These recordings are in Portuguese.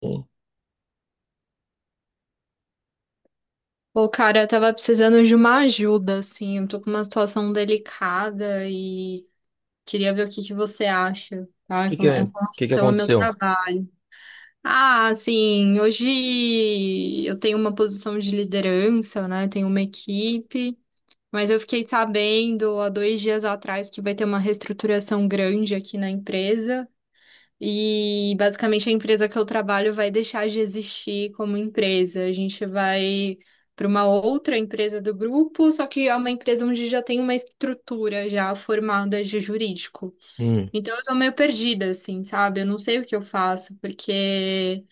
O Pô, cara, eu tava precisando de uma ajuda, assim. Eu tô com uma situação delicada e queria ver o que que você acha, tá? É que com que, é com que relação ao meu aconteceu? trabalho. Ah, assim, hoje eu tenho uma posição de liderança, né? Tenho uma equipe, mas eu fiquei sabendo há 2 dias atrás que vai ter uma reestruturação grande aqui na empresa. E basicamente a empresa que eu trabalho vai deixar de existir como empresa. A gente vai para uma outra empresa do grupo, só que é uma empresa onde já tem uma estrutura já formada de jurídico. Hum, Então eu tô meio perdida, assim, sabe? Eu não sei o que eu faço, porque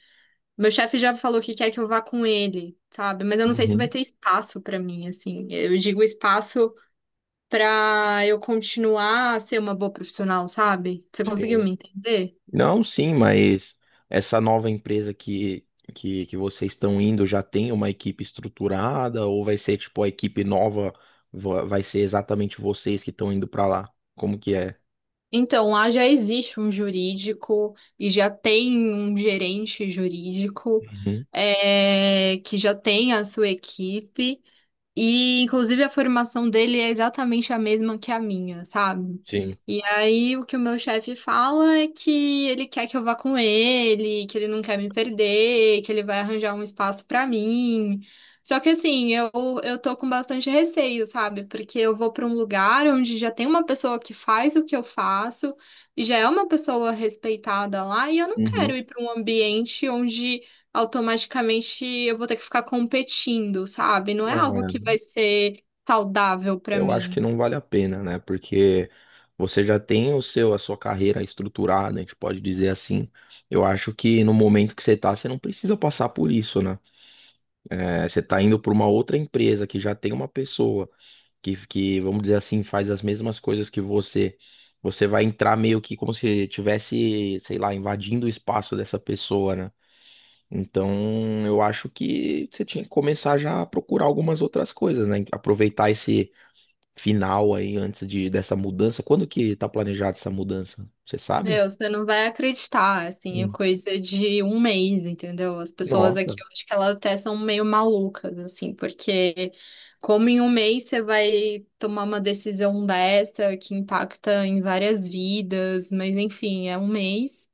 meu chefe já falou que quer que eu vá com ele, sabe? Mas eu não sei se vai uhum, ter espaço para mim, assim. Eu digo espaço para eu continuar a ser uma boa profissional, sabe? Você conseguiu sim. me entender? Não, sim, mas essa nova empresa que vocês estão indo já tem uma equipe estruturada ou vai ser tipo a equipe nova, vai ser exatamente vocês que estão indo para lá? Como que é? Então, lá já existe um jurídico e já tem um gerente jurídico Uhum, que já tem a sua equipe. E, inclusive, a formação dele é exatamente a mesma que a minha, sabe? sim. E aí, o que o meu chefe fala é que ele quer que eu vá com ele, que ele não quer me perder, que ele vai arranjar um espaço pra mim. Só que, assim, eu tô com bastante receio, sabe? Porque eu vou pra um lugar onde já tem uma pessoa que faz o que eu faço, e já é uma pessoa respeitada lá, e eu não quero Uhum. ir pra um ambiente onde automaticamente eu vou ter que ficar competindo, sabe? Não é Não, algo é. que vai ser saudável pra Eu acho que mim. não vale a pena, né? Porque você já tem o seu, a sua carreira estruturada, a gente pode dizer assim. Eu acho que no momento que você tá, você não precisa passar por isso, né? É, você está indo para uma outra empresa que já tem uma pessoa vamos dizer assim, faz as mesmas coisas que você. Você vai entrar meio que como se tivesse, sei lá, invadindo o espaço dessa pessoa, né? Então, eu acho que você tinha que começar já a procurar algumas outras coisas, né? Aproveitar esse final aí antes de dessa mudança. Quando que tá planejada essa mudança? Você sabe? Meu, você não vai acreditar, assim, é Hum. coisa de um mês, entendeu? As pessoas aqui, Nossa. eu acho que elas até são meio malucas, assim, porque como em um mês você vai tomar uma decisão dessa que impacta em várias vidas, mas enfim, é um mês.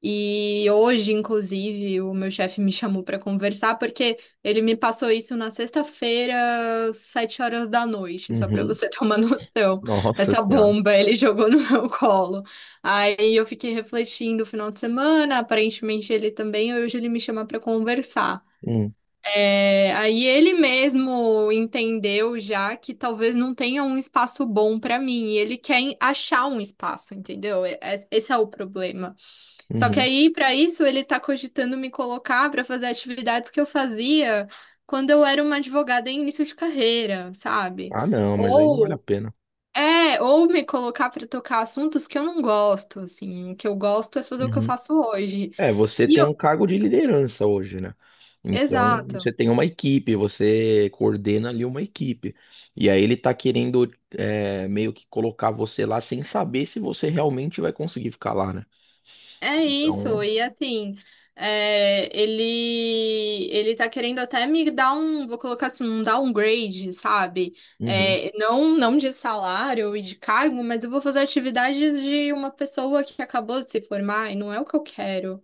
E hoje, inclusive, o meu chefe me chamou para conversar porque ele me passou isso na sexta-feira, 7 horas da noite, só para Uhum. você ter uma noção. Nossa Essa Senhora. bomba ele jogou no meu colo. Aí eu fiquei refletindo o final de semana, aparentemente ele também, hoje ele me chama para conversar. Hum. É, aí ele mesmo entendeu já que talvez não tenha um espaço bom para mim, e ele quer achar um espaço, entendeu? Esse é o problema. Só que Uhum. aí, para isso, ele tá cogitando me colocar para fazer atividades que eu fazia quando eu era uma advogada em início de carreira, sabe? Ah, não, mas aí não vale a Ou pena. ou me colocar para tocar assuntos que eu não gosto, assim, o que eu gosto é fazer o que eu Uhum. faço hoje. É, você E tem eu, um cargo de liderança hoje, né? É. Então, exato. você tem uma equipe, você coordena ali uma equipe. E aí ele tá querendo é, meio que colocar você lá sem saber se você realmente vai conseguir ficar lá, né? É isso, Então, e assim, ele tá querendo até me dar um, vou colocar assim, um downgrade, sabe? uhum, É, não, não de salário e de cargo, mas eu vou fazer atividades de uma pessoa que acabou de se formar e não é o que eu quero.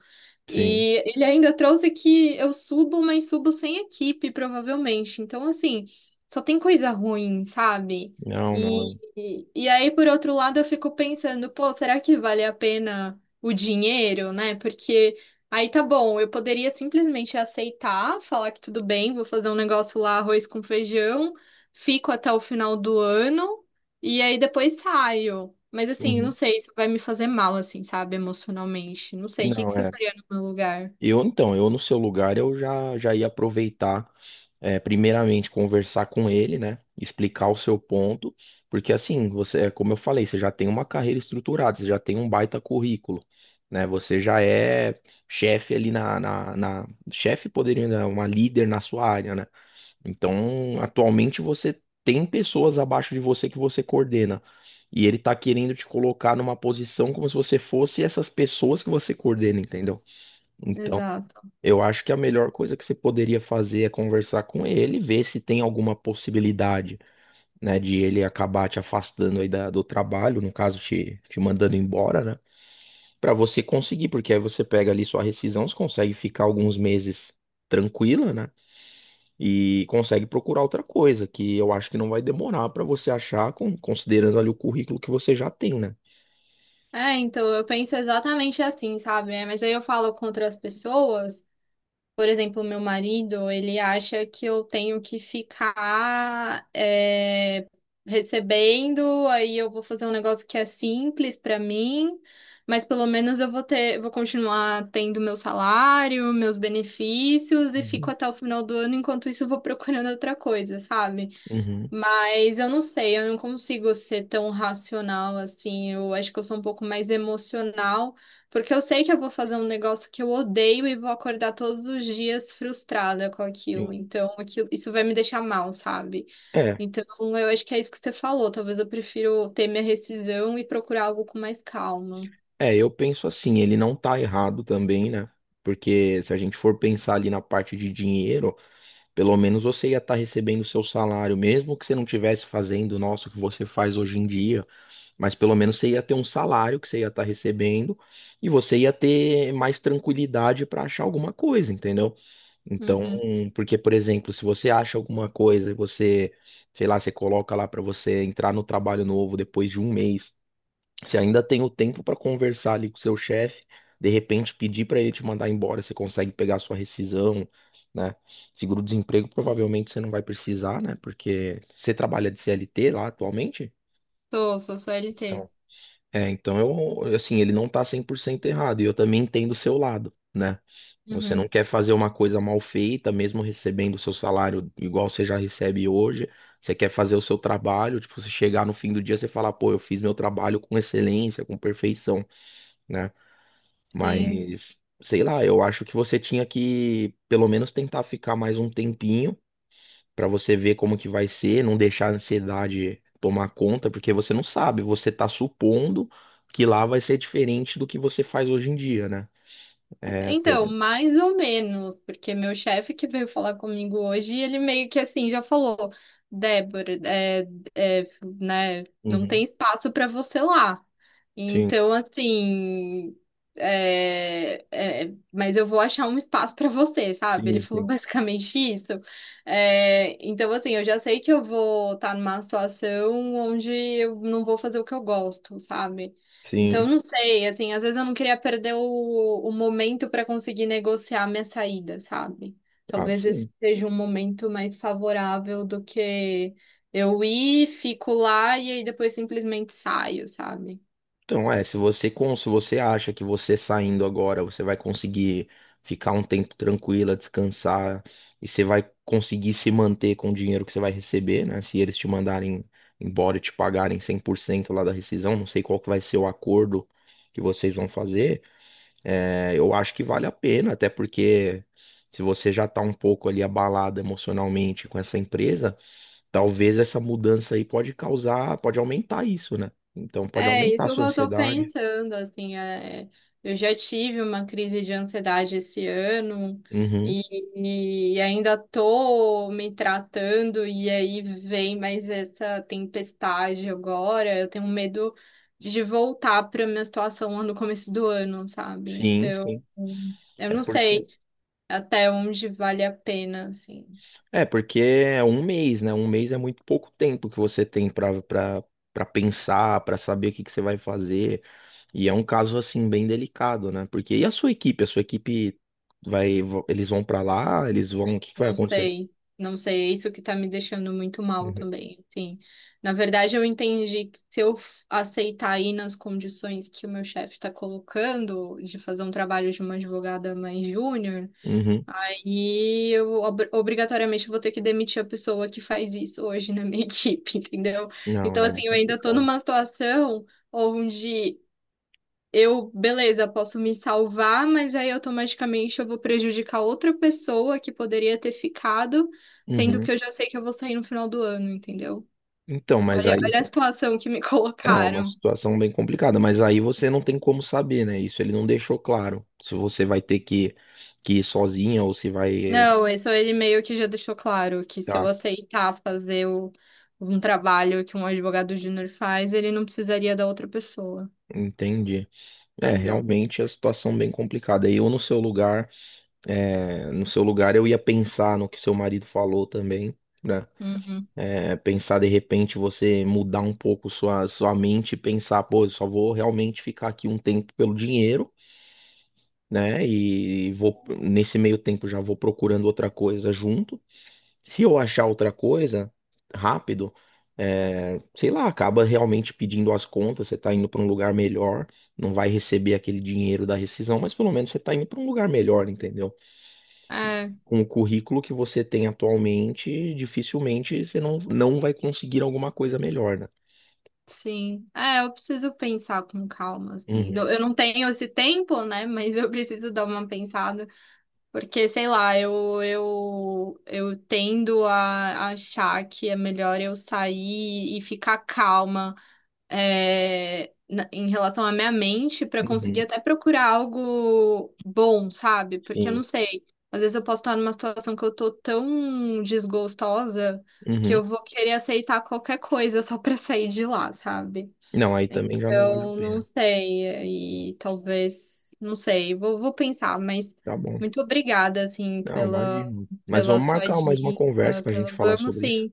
sim. E ele ainda trouxe que eu subo, mas subo sem equipe, provavelmente. Então, assim, só tem coisa ruim, sabe? Não, não. E, eu- e aí, por outro lado, eu fico pensando, pô, será que vale a pena? O dinheiro, né? Porque aí tá bom, eu poderia simplesmente aceitar, falar que tudo bem, vou fazer um negócio lá, arroz com feijão, fico até o final do ano e aí depois saio. Mas assim, não uhum. sei, isso vai me fazer mal, assim, sabe, emocionalmente. Não sei, o que Não, que você é. faria no meu lugar? Eu, então, eu no seu lugar, eu já ia aproveitar. É, primeiramente conversar com ele, né? Explicar o seu ponto, porque assim, você, é como eu falei, você já tem uma carreira estruturada, você já tem um baita currículo, né? Você já é chefe ali chefe poderia, né, uma líder na sua área, né? Então, atualmente você tem pessoas abaixo de você que você coordena. E ele tá querendo te colocar numa posição como se você fosse essas pessoas que você coordena, entendeu? Então Exato. eu acho que a melhor coisa que você poderia fazer é conversar com ele, ver se tem alguma possibilidade, né, de ele acabar te afastando aí do trabalho, no caso, te mandando embora, né, pra você conseguir, porque aí você pega ali sua rescisão, você consegue ficar alguns meses tranquila, né, e consegue procurar outra coisa, que eu acho que não vai demorar pra você achar, considerando ali o currículo que você já tem, né. É, então eu penso exatamente assim, sabe? É, mas aí eu falo com outras pessoas. Por exemplo, meu marido, ele acha que eu tenho que ficar recebendo, aí eu vou fazer um negócio que é simples para mim, mas pelo menos eu vou ter, vou continuar tendo meu salário, meus benefícios e fico Uhum. até o final do ano, enquanto isso eu vou procurando outra coisa, sabe? Uhum. Mas eu não sei, eu não consigo ser tão racional assim. Eu acho que eu sou um pouco mais emocional, porque eu sei que eu vou fazer um negócio que eu odeio e vou acordar todos os dias frustrada com aquilo. Sim. Então, aquilo, isso vai me deixar mal, sabe? É. Então, eu acho que é isso que você falou. Talvez eu prefiro ter minha rescisão e procurar algo com mais calma. É, eu penso assim, ele não tá errado também, né? Porque se a gente for pensar ali na parte de dinheiro, pelo menos você ia estar recebendo o seu salário, mesmo que você não estivesse fazendo, nossa, o que você faz hoje em dia, mas pelo menos você ia ter um salário que você ia estar recebendo e você ia ter mais tranquilidade para achar alguma coisa, entendeu? Então, Uhum. porque, por exemplo, se você acha alguma coisa e você, sei lá, você coloca lá para você entrar no trabalho novo depois de um mês. Você ainda tem o tempo para conversar ali com o seu chefe, de repente pedir para ele te mandar embora, você consegue pegar a sua rescisão, né? Seguro-desemprego provavelmente você não vai precisar, né? Porque você trabalha de CLT lá atualmente? Sou CLT. Então, é, então eu, assim, ele não tá 100% errado, e eu também entendo o seu lado, né? Você Uhum. não quer fazer uma coisa mal feita, mesmo recebendo o seu salário igual você já recebe hoje. Você quer fazer o seu trabalho, tipo, você chegar no fim do dia, você falar, pô, eu fiz meu trabalho com excelência, com perfeição, né? Sim. Mas, sei lá, eu acho que você tinha que pelo menos tentar ficar mais um tempinho pra você ver como que vai ser, não deixar a ansiedade tomar conta, porque você não sabe, você tá supondo que lá vai ser diferente do que você faz hoje em dia, né? É, Então, pe- mais ou menos, porque meu chefe que veio falar comigo hoje, ele meio que assim já falou, Débora, é, né, não tem Uhum. espaço para você lá. Sim, Então, assim, mas eu vou achar um espaço para você, sabe? Ele sim, falou sim. basicamente isso. É, então, assim, eu já sei que eu vou estar numa situação onde eu não vou fazer o que eu gosto, sabe? Então, Sim. não sei, assim, às vezes eu não queria perder o momento para conseguir negociar minha saída, sabe? Ah, Talvez sim. esse seja um momento mais favorável do que eu ir, fico lá e aí depois simplesmente saio, sabe? Então, é, se você, se você acha que você saindo agora, você vai conseguir ficar um tempo tranquila, descansar, e você vai conseguir se manter com o dinheiro que você vai receber, né? Se eles te mandarem embora e te pagarem 100% lá da rescisão, não sei qual que vai ser o acordo que vocês vão fazer, é, eu acho que vale a pena, até porque se você já tá um pouco ali abalado emocionalmente com essa empresa, talvez essa mudança aí pode causar, pode aumentar isso, né? Então pode É, aumentar isso a eu sua estou ansiedade. pensando, assim, eu já tive uma crise de ansiedade esse ano Uhum. e ainda tô me tratando e aí vem mais essa tempestade agora, eu tenho medo de voltar para minha situação lá no começo do ano, sabe? Sim, Então, sim. eu É não porque sei até onde vale a pena, assim. é porque é um mês, né? Um mês é muito pouco tempo que você tem para pensar, para saber o que que você vai fazer. E é um caso assim bem delicado, né? Porque e a sua equipe? A sua equipe eles vão para lá, eles vão, o que que vai Não acontecer? sei, não sei, é isso que tá me deixando muito mal Uhum. também, assim. Na verdade, eu entendi que se eu aceitar aí nas condições que o meu chefe está colocando, de fazer um trabalho de uma advogada mais júnior, Uhum. aí eu obrigatoriamente vou ter que demitir a pessoa que faz isso hoje na minha equipe, entendeu? Não, Então, é assim, eu ainda tô complicado. numa situação onde eu, beleza, posso me salvar, mas aí automaticamente eu vou prejudicar outra pessoa que poderia ter ficado, sendo Uhum. que eu já sei que eu vou sair no final do ano, entendeu? Então, mas Olha, aí olha a situação que me é uma colocaram. situação bem complicada, mas aí você não tem como saber, né? Isso ele não deixou claro. Se você vai ter que ir sozinha ou se vai Não, isso ele meio que já deixou claro que se eu Tá, aceitar fazer um trabalho que um advogado júnior faz, ele não precisaria da outra pessoa, entendi. É, entendeu? realmente é situação bem complicada. E eu no seu lugar, é, no seu lugar eu ia pensar no que seu marido falou também, né? Uhum. É, pensar de repente você mudar um pouco sua mente e pensar, pô, eu só vou realmente ficar aqui um tempo pelo dinheiro, né? E vou nesse meio tempo já vou procurando outra coisa junto. Se eu achar outra coisa rápido, é, sei lá, acaba realmente pedindo as contas, você tá indo para um lugar melhor, não vai receber aquele dinheiro da rescisão, mas pelo menos você tá indo para um lugar melhor, entendeu? E É, com o currículo que você tem atualmente, dificilmente você não vai conseguir alguma coisa melhor, né? sim. É, eu preciso pensar com calma, assim. Uhum, Eu não tenho esse tempo, né? Mas eu preciso dar uma pensada. Porque, sei lá, eu tendo a achar que é melhor eu sair e ficar calma, em relação à minha mente para conseguir uhum, até procurar algo bom, sabe? Porque eu não sim, sei, às vezes eu posso estar numa situação que eu tô tão desgostosa que uhum. eu vou querer aceitar qualquer coisa só para sair de lá, sabe? Não, aí também já não vale a Então, não pena. sei, e talvez, não sei, vou pensar, mas Tá bom. muito obrigada, assim, Não, pela, imagino. Mas vamos sua marcar mais uma conversa dica, pra gente pela, falar vamos sobre isso. sim,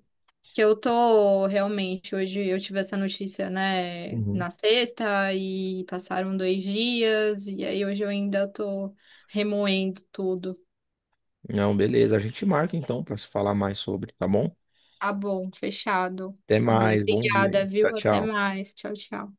que eu tô realmente, hoje eu tive essa notícia, né, Uhum. na sexta, e passaram 2 dias, e aí hoje eu ainda tô remoendo tudo. Não, beleza. A gente marca então para se falar mais sobre, tá bom? Tá bom, fechado, Até tá bom, mais. Bom dia aí. obrigada, Tchau, viu? Até tchau. mais, tchau, tchau.